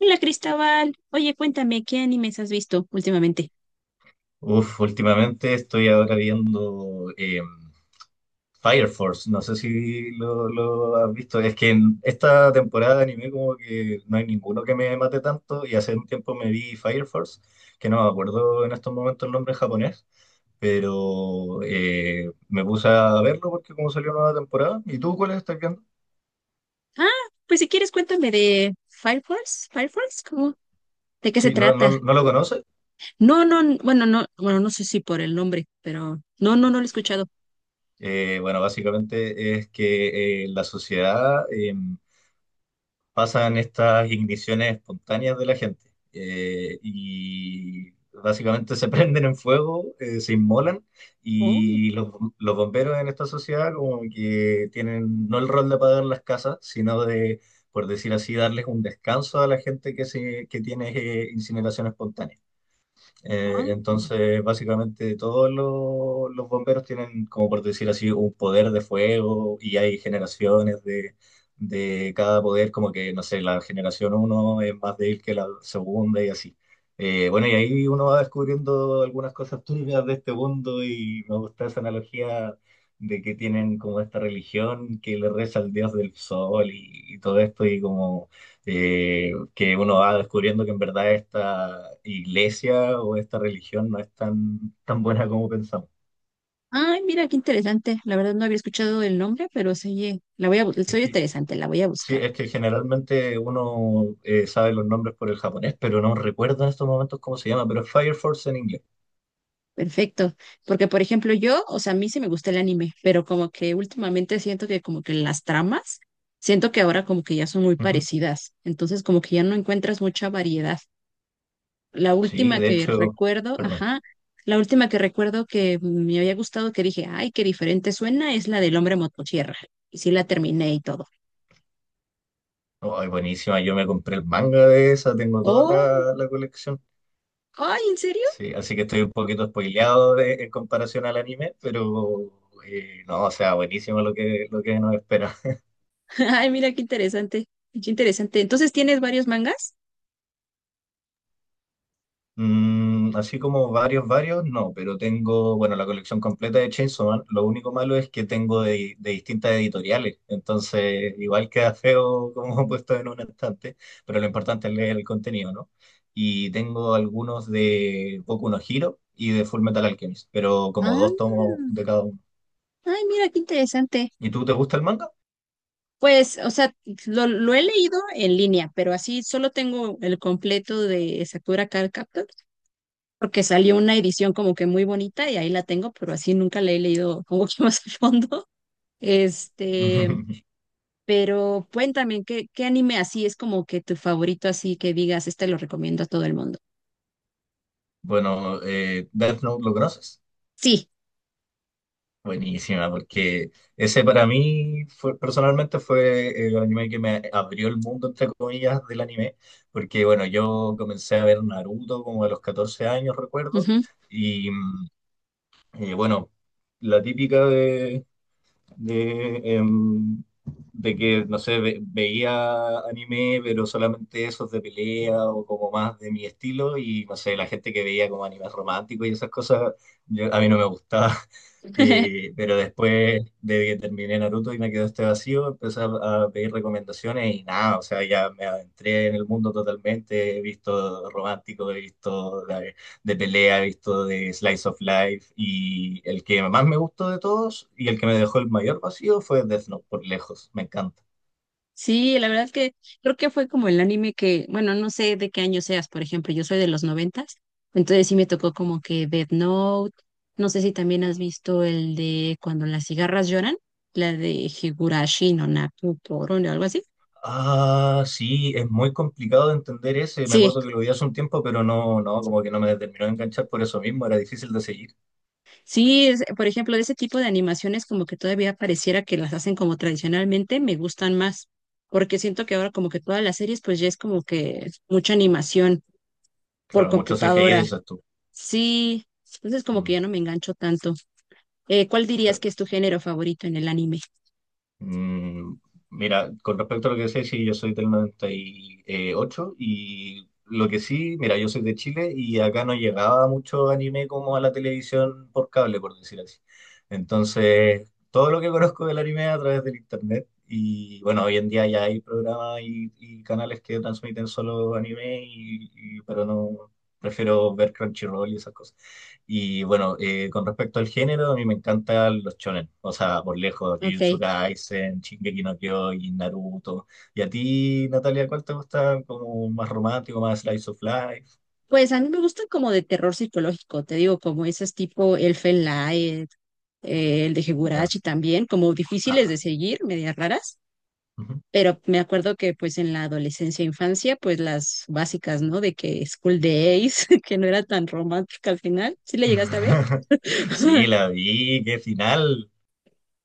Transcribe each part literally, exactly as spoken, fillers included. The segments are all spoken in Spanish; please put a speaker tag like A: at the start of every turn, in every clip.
A: Hola Cristóbal, oye, cuéntame, ¿qué animes has visto últimamente?
B: Uf, últimamente estoy ahora viendo eh, Fire Force. No sé si lo, lo has visto. Es que en esta temporada de anime como que no hay ninguno que me mate tanto y hace un tiempo me vi Fire Force, que no me acuerdo en estos momentos el nombre en japonés, pero eh, me puse a verlo porque como salió nueva temporada. ¿Y tú cuál estás viendo?
A: Ah, pues si quieres cuéntame de Fire Force, Fire Force, ¿cómo? ¿De qué se
B: Sí, no,
A: trata?
B: no, no lo conoces.
A: No, no, n- bueno, no, bueno, no sé si por el nombre, pero no, no, no lo he escuchado.
B: Eh, bueno, básicamente es que eh, la sociedad... eh, pasan estas igniciones espontáneas de la gente eh, y básicamente se prenden en fuego, eh, se inmolan
A: Oh,
B: y los, los bomberos en esta sociedad como que tienen no el rol de apagar las casas, sino de, por decir así, darles un descanso a la gente que, se, que tiene eh, incineración espontánea. Eh,
A: ah.
B: entonces, básicamente todos lo- los bomberos tienen, como por decir así, un poder de fuego y hay generaciones de, de cada poder, como que, no sé, la generación uno es más débil que la segunda y así. Eh, bueno, y ahí uno va descubriendo algunas cosas turbias de este mundo y me gusta esa analogía de que tienen como esta religión que le reza al dios del sol y, y todo esto y como eh, que uno va descubriendo que en verdad esta iglesia o esta religión no es tan, tan buena como pensamos.
A: Ay, mira, qué interesante. La verdad no había escuchado el nombre, pero se oye, la voy a, bu- se
B: Es
A: oye
B: que,
A: interesante, la voy a
B: sí,
A: buscar.
B: es que generalmente uno eh, sabe los nombres por el japonés, pero no recuerda en estos momentos cómo se llama, pero es Fire Force en inglés.
A: Perfecto, porque por ejemplo yo, o sea, a mí sí me gusta el anime, pero como que últimamente siento que como que las tramas, siento que ahora como que ya son muy
B: Ujú.
A: parecidas, entonces como que ya no encuentras mucha variedad. La
B: Sí,
A: última
B: de
A: que
B: hecho,
A: recuerdo,
B: perdón.
A: ajá, la última que recuerdo que me había gustado, que dije, ay, qué diferente suena, es la del hombre motosierra, y sí la terminé y todo.
B: Oh, ay, buenísima, yo me compré el manga de esa, tengo toda
A: Oh,
B: la, la colección.
A: ay, ¿en serio?
B: Sí, así que estoy un poquito spoileado de- en comparación al anime, pero eh, no, o sea, buenísimo lo que, lo que nos espera.
A: Ay, mira qué interesante, qué interesante. Entonces, ¿tienes varios mangas?
B: Mm, así como varios, varios, no, pero tengo, bueno, la colección completa de Chainsaw Man. Lo único malo es que tengo de, de distintas editoriales, entonces igual queda feo como puesto en un estante, pero lo importante es leer el contenido, ¿no? Y tengo algunos de Boku no Hero y de Full Metal Alchemist, pero como
A: Ah,
B: dos tomos de cada uno.
A: ay, mira qué interesante.
B: ¿Y tú te gusta el manga?
A: Pues, o sea, lo, lo he leído en línea, pero así solo tengo el completo de Sakura Card Captor, porque salió una edición como que muy bonita y ahí la tengo, pero así nunca la he leído como que más a fondo. Este, pero cuéntame, ¿qué, ¿qué anime así es como que tu favorito, así que digas, este lo recomiendo a todo el mundo?
B: Bueno, eh, Death Note, ¿lo conoces?
A: Sí.
B: Buenísima, porque ese para mí fue, personalmente fue el anime que me abrió el mundo, entre comillas, del anime, porque bueno, yo comencé a ver Naruto como a los catorce años, recuerdo,
A: Ujú.
B: y mm, eh, bueno, la típica de, de, em, de que, no sé, ve- veía anime, pero solamente esos de pelea o como más de mi estilo, y no sé, la gente que veía como animes románticos y esas cosas, yo- a mí no me gustaba. Y pero después de que terminé Naruto y me quedó este vacío, empecé a, a pedir recomendaciones y nada, o sea, ya me adentré en el mundo totalmente, he visto romántico, he visto de pelea, he visto de Slice of Life y el que más me gustó de todos y el que me dejó el mayor vacío fue Death Note, por lejos, me encanta.
A: Sí, la verdad que creo que fue como el anime que, bueno, no sé de qué año seas, por ejemplo, yo soy de los noventas, entonces sí me tocó como que Death Note, no sé si también has visto el de Cuando las cigarras lloran, la de Higurashi no Naku Toron o algo así.
B: Ah, sí, es muy complicado de entender ese, me
A: Sí,
B: acuerdo que lo vi hace un tiempo, pero no, no, como que no me terminó de enganchar por eso mismo, era difícil de seguir.
A: sí, es- por ejemplo, de ese tipo de animaciones como que todavía pareciera que las hacen como tradicionalmente, me gustan más, porque siento que ahora como que todas las series pues ya es como que mucha animación por
B: Claro, mucho C G I,
A: computadora.
B: dices tú.
A: Sí, entonces como que
B: Mm,
A: ya no me engancho tanto. Eh, ¿cuál dirías
B: claro.
A: que es tu género favorito en el anime?
B: Mm, mira, con respecto a lo que decía, sí, yo soy del noventa y ocho y ocho y lo que sí, mira, yo soy de Chile y acá no llegaba mucho anime como a la televisión por cable, por decir así. Entonces, todo lo que conozco del anime a través del internet y bueno, hoy en día ya hay programas y, y canales que transmiten solo anime, y, y- pero no, prefiero ver Crunchyroll y esas cosas. Y bueno, eh, con respecto al género, a mí me encantan los shonen. O sea, por lejos, Jujutsu
A: Ok,
B: Kaisen, Shingeki no Kyojin, Naruto. ¿Y a ti, Natalia, cuál te gusta? ¿Como más romántico, más slice of life?
A: pues a mí me gustan como de terror psicológico, te digo, como esos tipo Elfen Lied, eh, el de
B: Ya.
A: Higurashi también, como difíciles de
B: Ah,
A: seguir, medias raras,
B: ujú.
A: pero me acuerdo que pues en la adolescencia e infancia, pues las básicas, ¿no? De que School Days, que no era tan romántica al final, ¿sí le llegaste a ver?
B: Sí, la vi, qué final.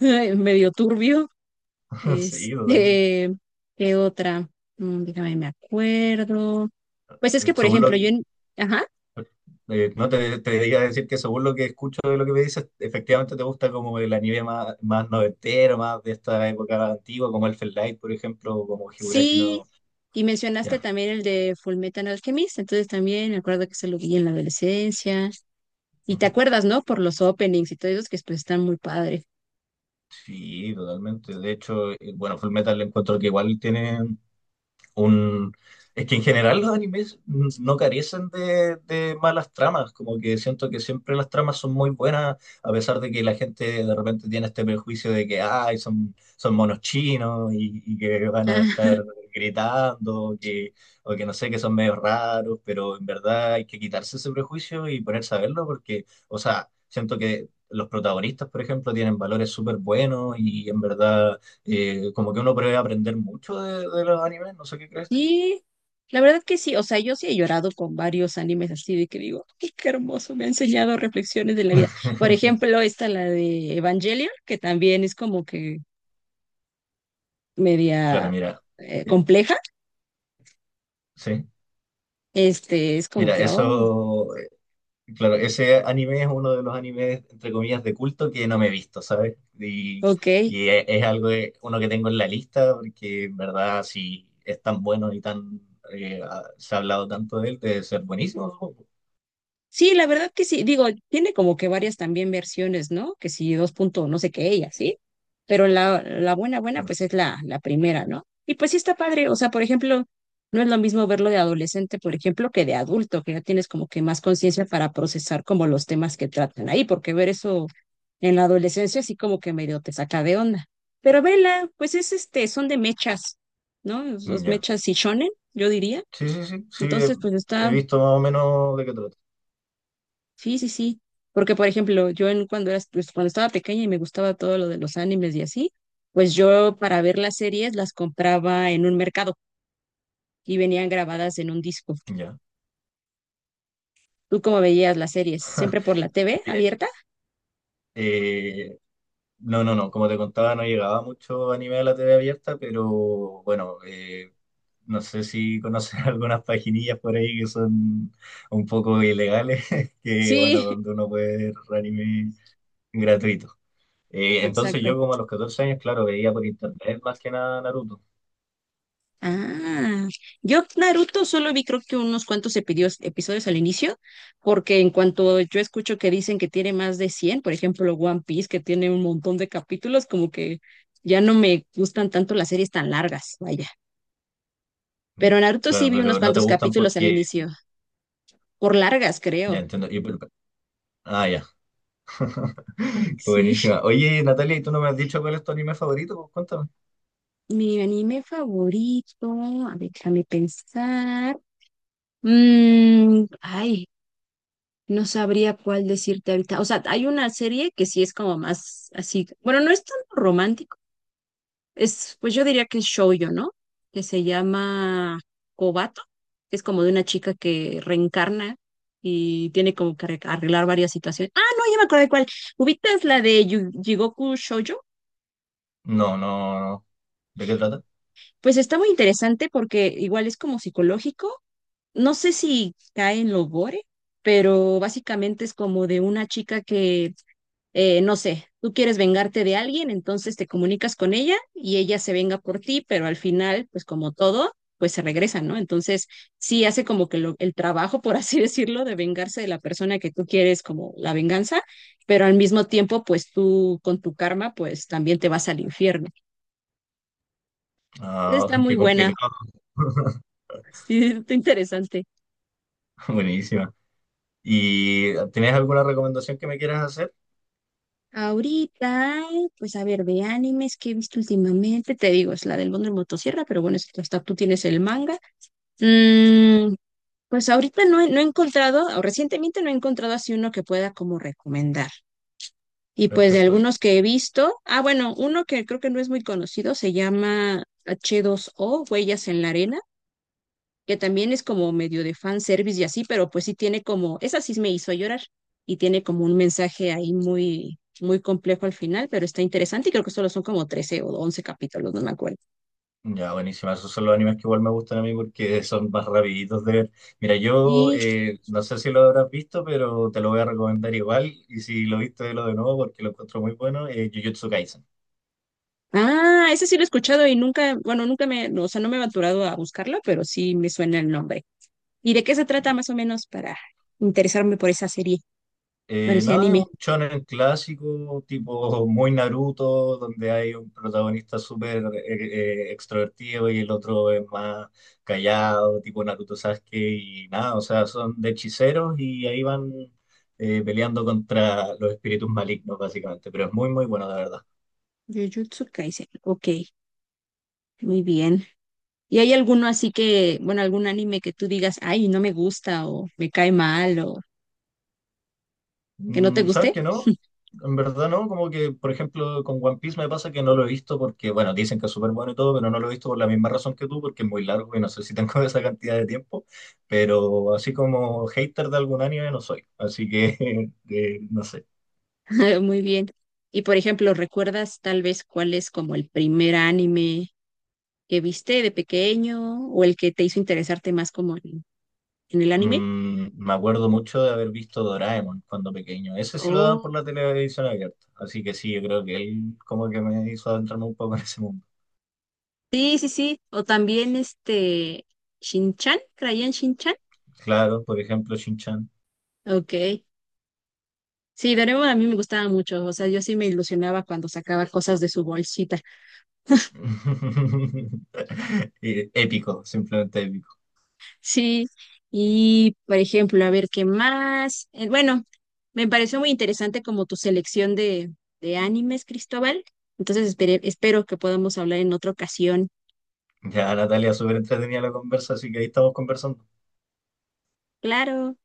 A: Medio turbio.
B: Sí, totalmente.
A: Este, ¿qué otra? Mm, déjame, me acuerdo. Pues es que, por
B: Según lo
A: ejemplo, yo
B: que,
A: en, ajá,
B: eh, no te, te iba a decir que según lo que escucho de lo que me dices, efectivamente te gusta como el anime más, más noventero, más de esta época antigua, como Elfen Lied, por ejemplo, o como Higurashi no.
A: sí, y mencionaste también el de Fullmetal Alchemist, entonces también me acuerdo que se lo vi en la adolescencia. Y te
B: Ujú.
A: acuerdas, ¿no? Por los openings y todo eso, que pues están muy padres.
B: Sí, totalmente. De hecho, eh, bueno, Full Metal encuentro que igual tiene un... Es que en general los animes no carecen de, de malas tramas, como que siento que siempre las tramas son muy buenas, a pesar de que la gente de repente tiene este prejuicio de que ay, son, son monos chinos y, y que van a
A: Ah,
B: estar gritando, o que, o que no sé, que son medio raros, pero en verdad hay que quitarse ese prejuicio y ponerse a verlo porque, o sea, siento que los protagonistas, por ejemplo, tienen valores súper buenos y en verdad eh, como que uno puede aprender mucho de, de los animes, no sé qué crees tú.
A: sí, la verdad que sí, o sea, yo sí he llorado con varios animes así de que digo, "Ay, qué hermoso, me ha enseñado reflexiones de la vida. Por ejemplo, esta, la de Evangelion, que también es como que
B: Claro,
A: media
B: mira,
A: eh,
B: eh,
A: compleja,
B: sí,
A: este, es como
B: mira,
A: que, oh,
B: eso, eh, claro, ese anime es uno de los animes, entre comillas, de culto que no me he visto, ¿sabes? Y,
A: ok.
B: y e- es algo, de- uno que tengo en la lista, porque en verdad, si es tan bueno y tan, eh, ha- se ha hablado tanto de él, debe ser buenísimo, supongo.
A: Sí, la verdad que sí, digo, tiene como que varias también versiones, ¿no? Que si dos punto no sé qué, ella, ¿sí? Pero la, la buena, buena,
B: Claro,
A: pues es la, la primera, ¿no? Y pues sí está padre, o sea, por ejemplo, no es lo mismo verlo de adolescente, por ejemplo, que de adulto, que ya tienes como que más conciencia para procesar como los temas que tratan ahí, porque ver eso en la adolescencia sí como que medio te saca de onda. Pero vela, pues es este, son de mechas, ¿no?
B: mm,
A: Los
B: ya.
A: mechas y shonen, yo diría.
B: Sí, sí, sí, sí, he
A: Entonces, pues
B: he
A: está,
B: visto más o menos de qué trata.
A: sí, sí, sí. Porque, por ejemplo, yo en, cuando era, pues, cuando estaba pequeña y me gustaba todo lo de los animes y así, pues yo para ver las series las compraba en un mercado y venían grabadas en un disco.
B: Ya.
A: ¿Tú cómo veías las series? ¿Siempre por la T V abierta?
B: Eh, No, no, no, como te contaba, no llegaba mucho anime a la T V abierta, pero bueno, eh, no sé si conoces algunas paginillas por ahí que son un poco ilegales, que bueno,
A: Sí,
B: donde uno puede ver anime gratuito. Eh, entonces yo
A: exacto.
B: como a los catorce años, claro, veía por internet más que nada Naruto.
A: Ah, yo Naruto solo vi creo que unos cuantos epidios- episodios al inicio, porque en cuanto yo escucho que dicen que tiene más de cien, por ejemplo One Piece, que tiene un montón de capítulos, como que ya no me gustan tanto las series tan largas, vaya.
B: Mm,
A: Pero Naruto sí
B: Claro,
A: vi unos
B: pero no te
A: cuantos
B: gustan
A: capítulos al
B: porque...
A: inicio, por largas creo.
B: Ya entiendo. y por- Ah, ya. Qué
A: Sí,
B: buenísima. Oye, Natalia, ¿y tú no me has dicho cuál es tu anime favorito? Pues, cuéntame.
A: mi anime favorito, a ver, déjame pensar. Mm, ay, no sabría cuál decirte ahorita. O sea, hay una serie que sí es como más así. Bueno, no es tan romántico. Es, pues yo diría que es shoujo, ¿no? Que se llama Kobato, que es como de una chica que reencarna y tiene como que arreg- arreglar varias situaciones. Ah, no, ya me acordé cuál. ¿Ubicas la de Yu- Jigoku Shoujo?
B: No, no, no. ¿De qué trata?
A: Pues está muy interesante porque igual es como psicológico. No sé si cae en lo gore, pero básicamente es como de una chica que eh, no sé, tú quieres vengarte de alguien, entonces te comunicas con ella y ella se venga por ti, pero al final, pues como todo, pues se regresa, ¿no? Entonces, sí hace como que lo- el trabajo, por así decirlo, de vengarse de la persona que tú quieres como la venganza, pero al mismo tiempo, pues tú con tu karma, pues también te vas al infierno.
B: Ah,
A: Está
B: qué
A: muy buena,
B: complicado.
A: sí, está interesante.
B: Buenísima. ¿Y tienes alguna recomendación que me quieras hacer?
A: Ahorita, pues a ver, de animes que he visto últimamente, te digo, es la del Mundo en Motosierra, pero bueno, es- hasta tú tienes el manga. Mm, pues ahorita no he, no he encontrado, o recientemente no he encontrado así uno que pueda como recomendar. Y pues de
B: Perfecto. Y
A: algunos que he visto, ah, bueno, uno que creo que no es muy conocido se llama h dos o Huellas en la Arena, que también es como medio de fan service y así, pero pues sí tiene como, esa sí me hizo llorar y tiene como un mensaje ahí muy, muy complejo al final, pero está interesante y creo que solo son como trece o once capítulos, no me acuerdo.
B: ya, buenísima. Esos son los animes que igual me gustan a mí porque son más rapiditos de ver. Mira, yo
A: Sí.
B: eh, no sé si lo habrás visto, pero te lo voy a recomendar igual. Y si lo viste, lo de nuevo porque lo encuentro muy bueno. Eh, Jujutsu Kaisen.
A: Ah, ese sí lo he escuchado y nunca, bueno, nunca me, no, o sea, no me he aventurado a buscarla, pero sí me suena el nombre. ¿Y de qué se trata más o menos para interesarme por esa serie? Bueno,
B: Eh,
A: ese
B: nada, es un
A: anime.
B: shonen clásico, tipo muy Naruto, donde hay un protagonista súper eh, eh, extrovertido y el otro es más callado, tipo Naruto Sasuke, y nada, o sea, son de hechiceros y ahí van eh, peleando contra los espíritus malignos, básicamente, pero es muy, muy bueno, de verdad.
A: Jujutsu Kaisen. Ok, muy bien. ¿Y hay alguno así que, bueno, algún anime que tú digas, ay, no me gusta o me cae mal o que no te
B: Mm, ¿sabes
A: guste?
B: que no? En verdad no, como que, por ejemplo, con One Piece me pasa que no lo he visto porque, bueno, dicen que es súper bueno y todo, pero no lo he visto por la misma razón que tú, porque es muy largo y no sé si tengo esa cantidad de tiempo, pero así como hater de algún anime no soy, así que, eh, no sé.
A: Muy bien. Y por ejemplo, ¿recuerdas tal vez cuál es como el primer anime que viste de pequeño o el que te hizo interesarte más como en en el anime?
B: Mm, me acuerdo mucho de haber visto Doraemon cuando pequeño, ese sí lo daban por la televisión abierta, así que sí, yo creo que él como que me hizo adentrarme un poco en ese mundo.
A: Sí, sí, sí. O también este Shinchan, ¿creían Shinchan?
B: Claro, por ejemplo, Shin-Chan.
A: Ok. Sí, Doraemon a mí me gustaba mucho. O sea, yo sí me ilusionaba cuando sacaba cosas de su bolsita.
B: Eh, Épico, simplemente épico.
A: Sí. Y, por ejemplo, a ver qué más. Eh, bueno, me pareció muy interesante como tu selección de, de animes, Cristóbal. Entonces espere- espero que podamos hablar en otra ocasión.
B: Ya Natalia, súper entretenida la conversa, así que ahí estamos conversando.
A: Claro.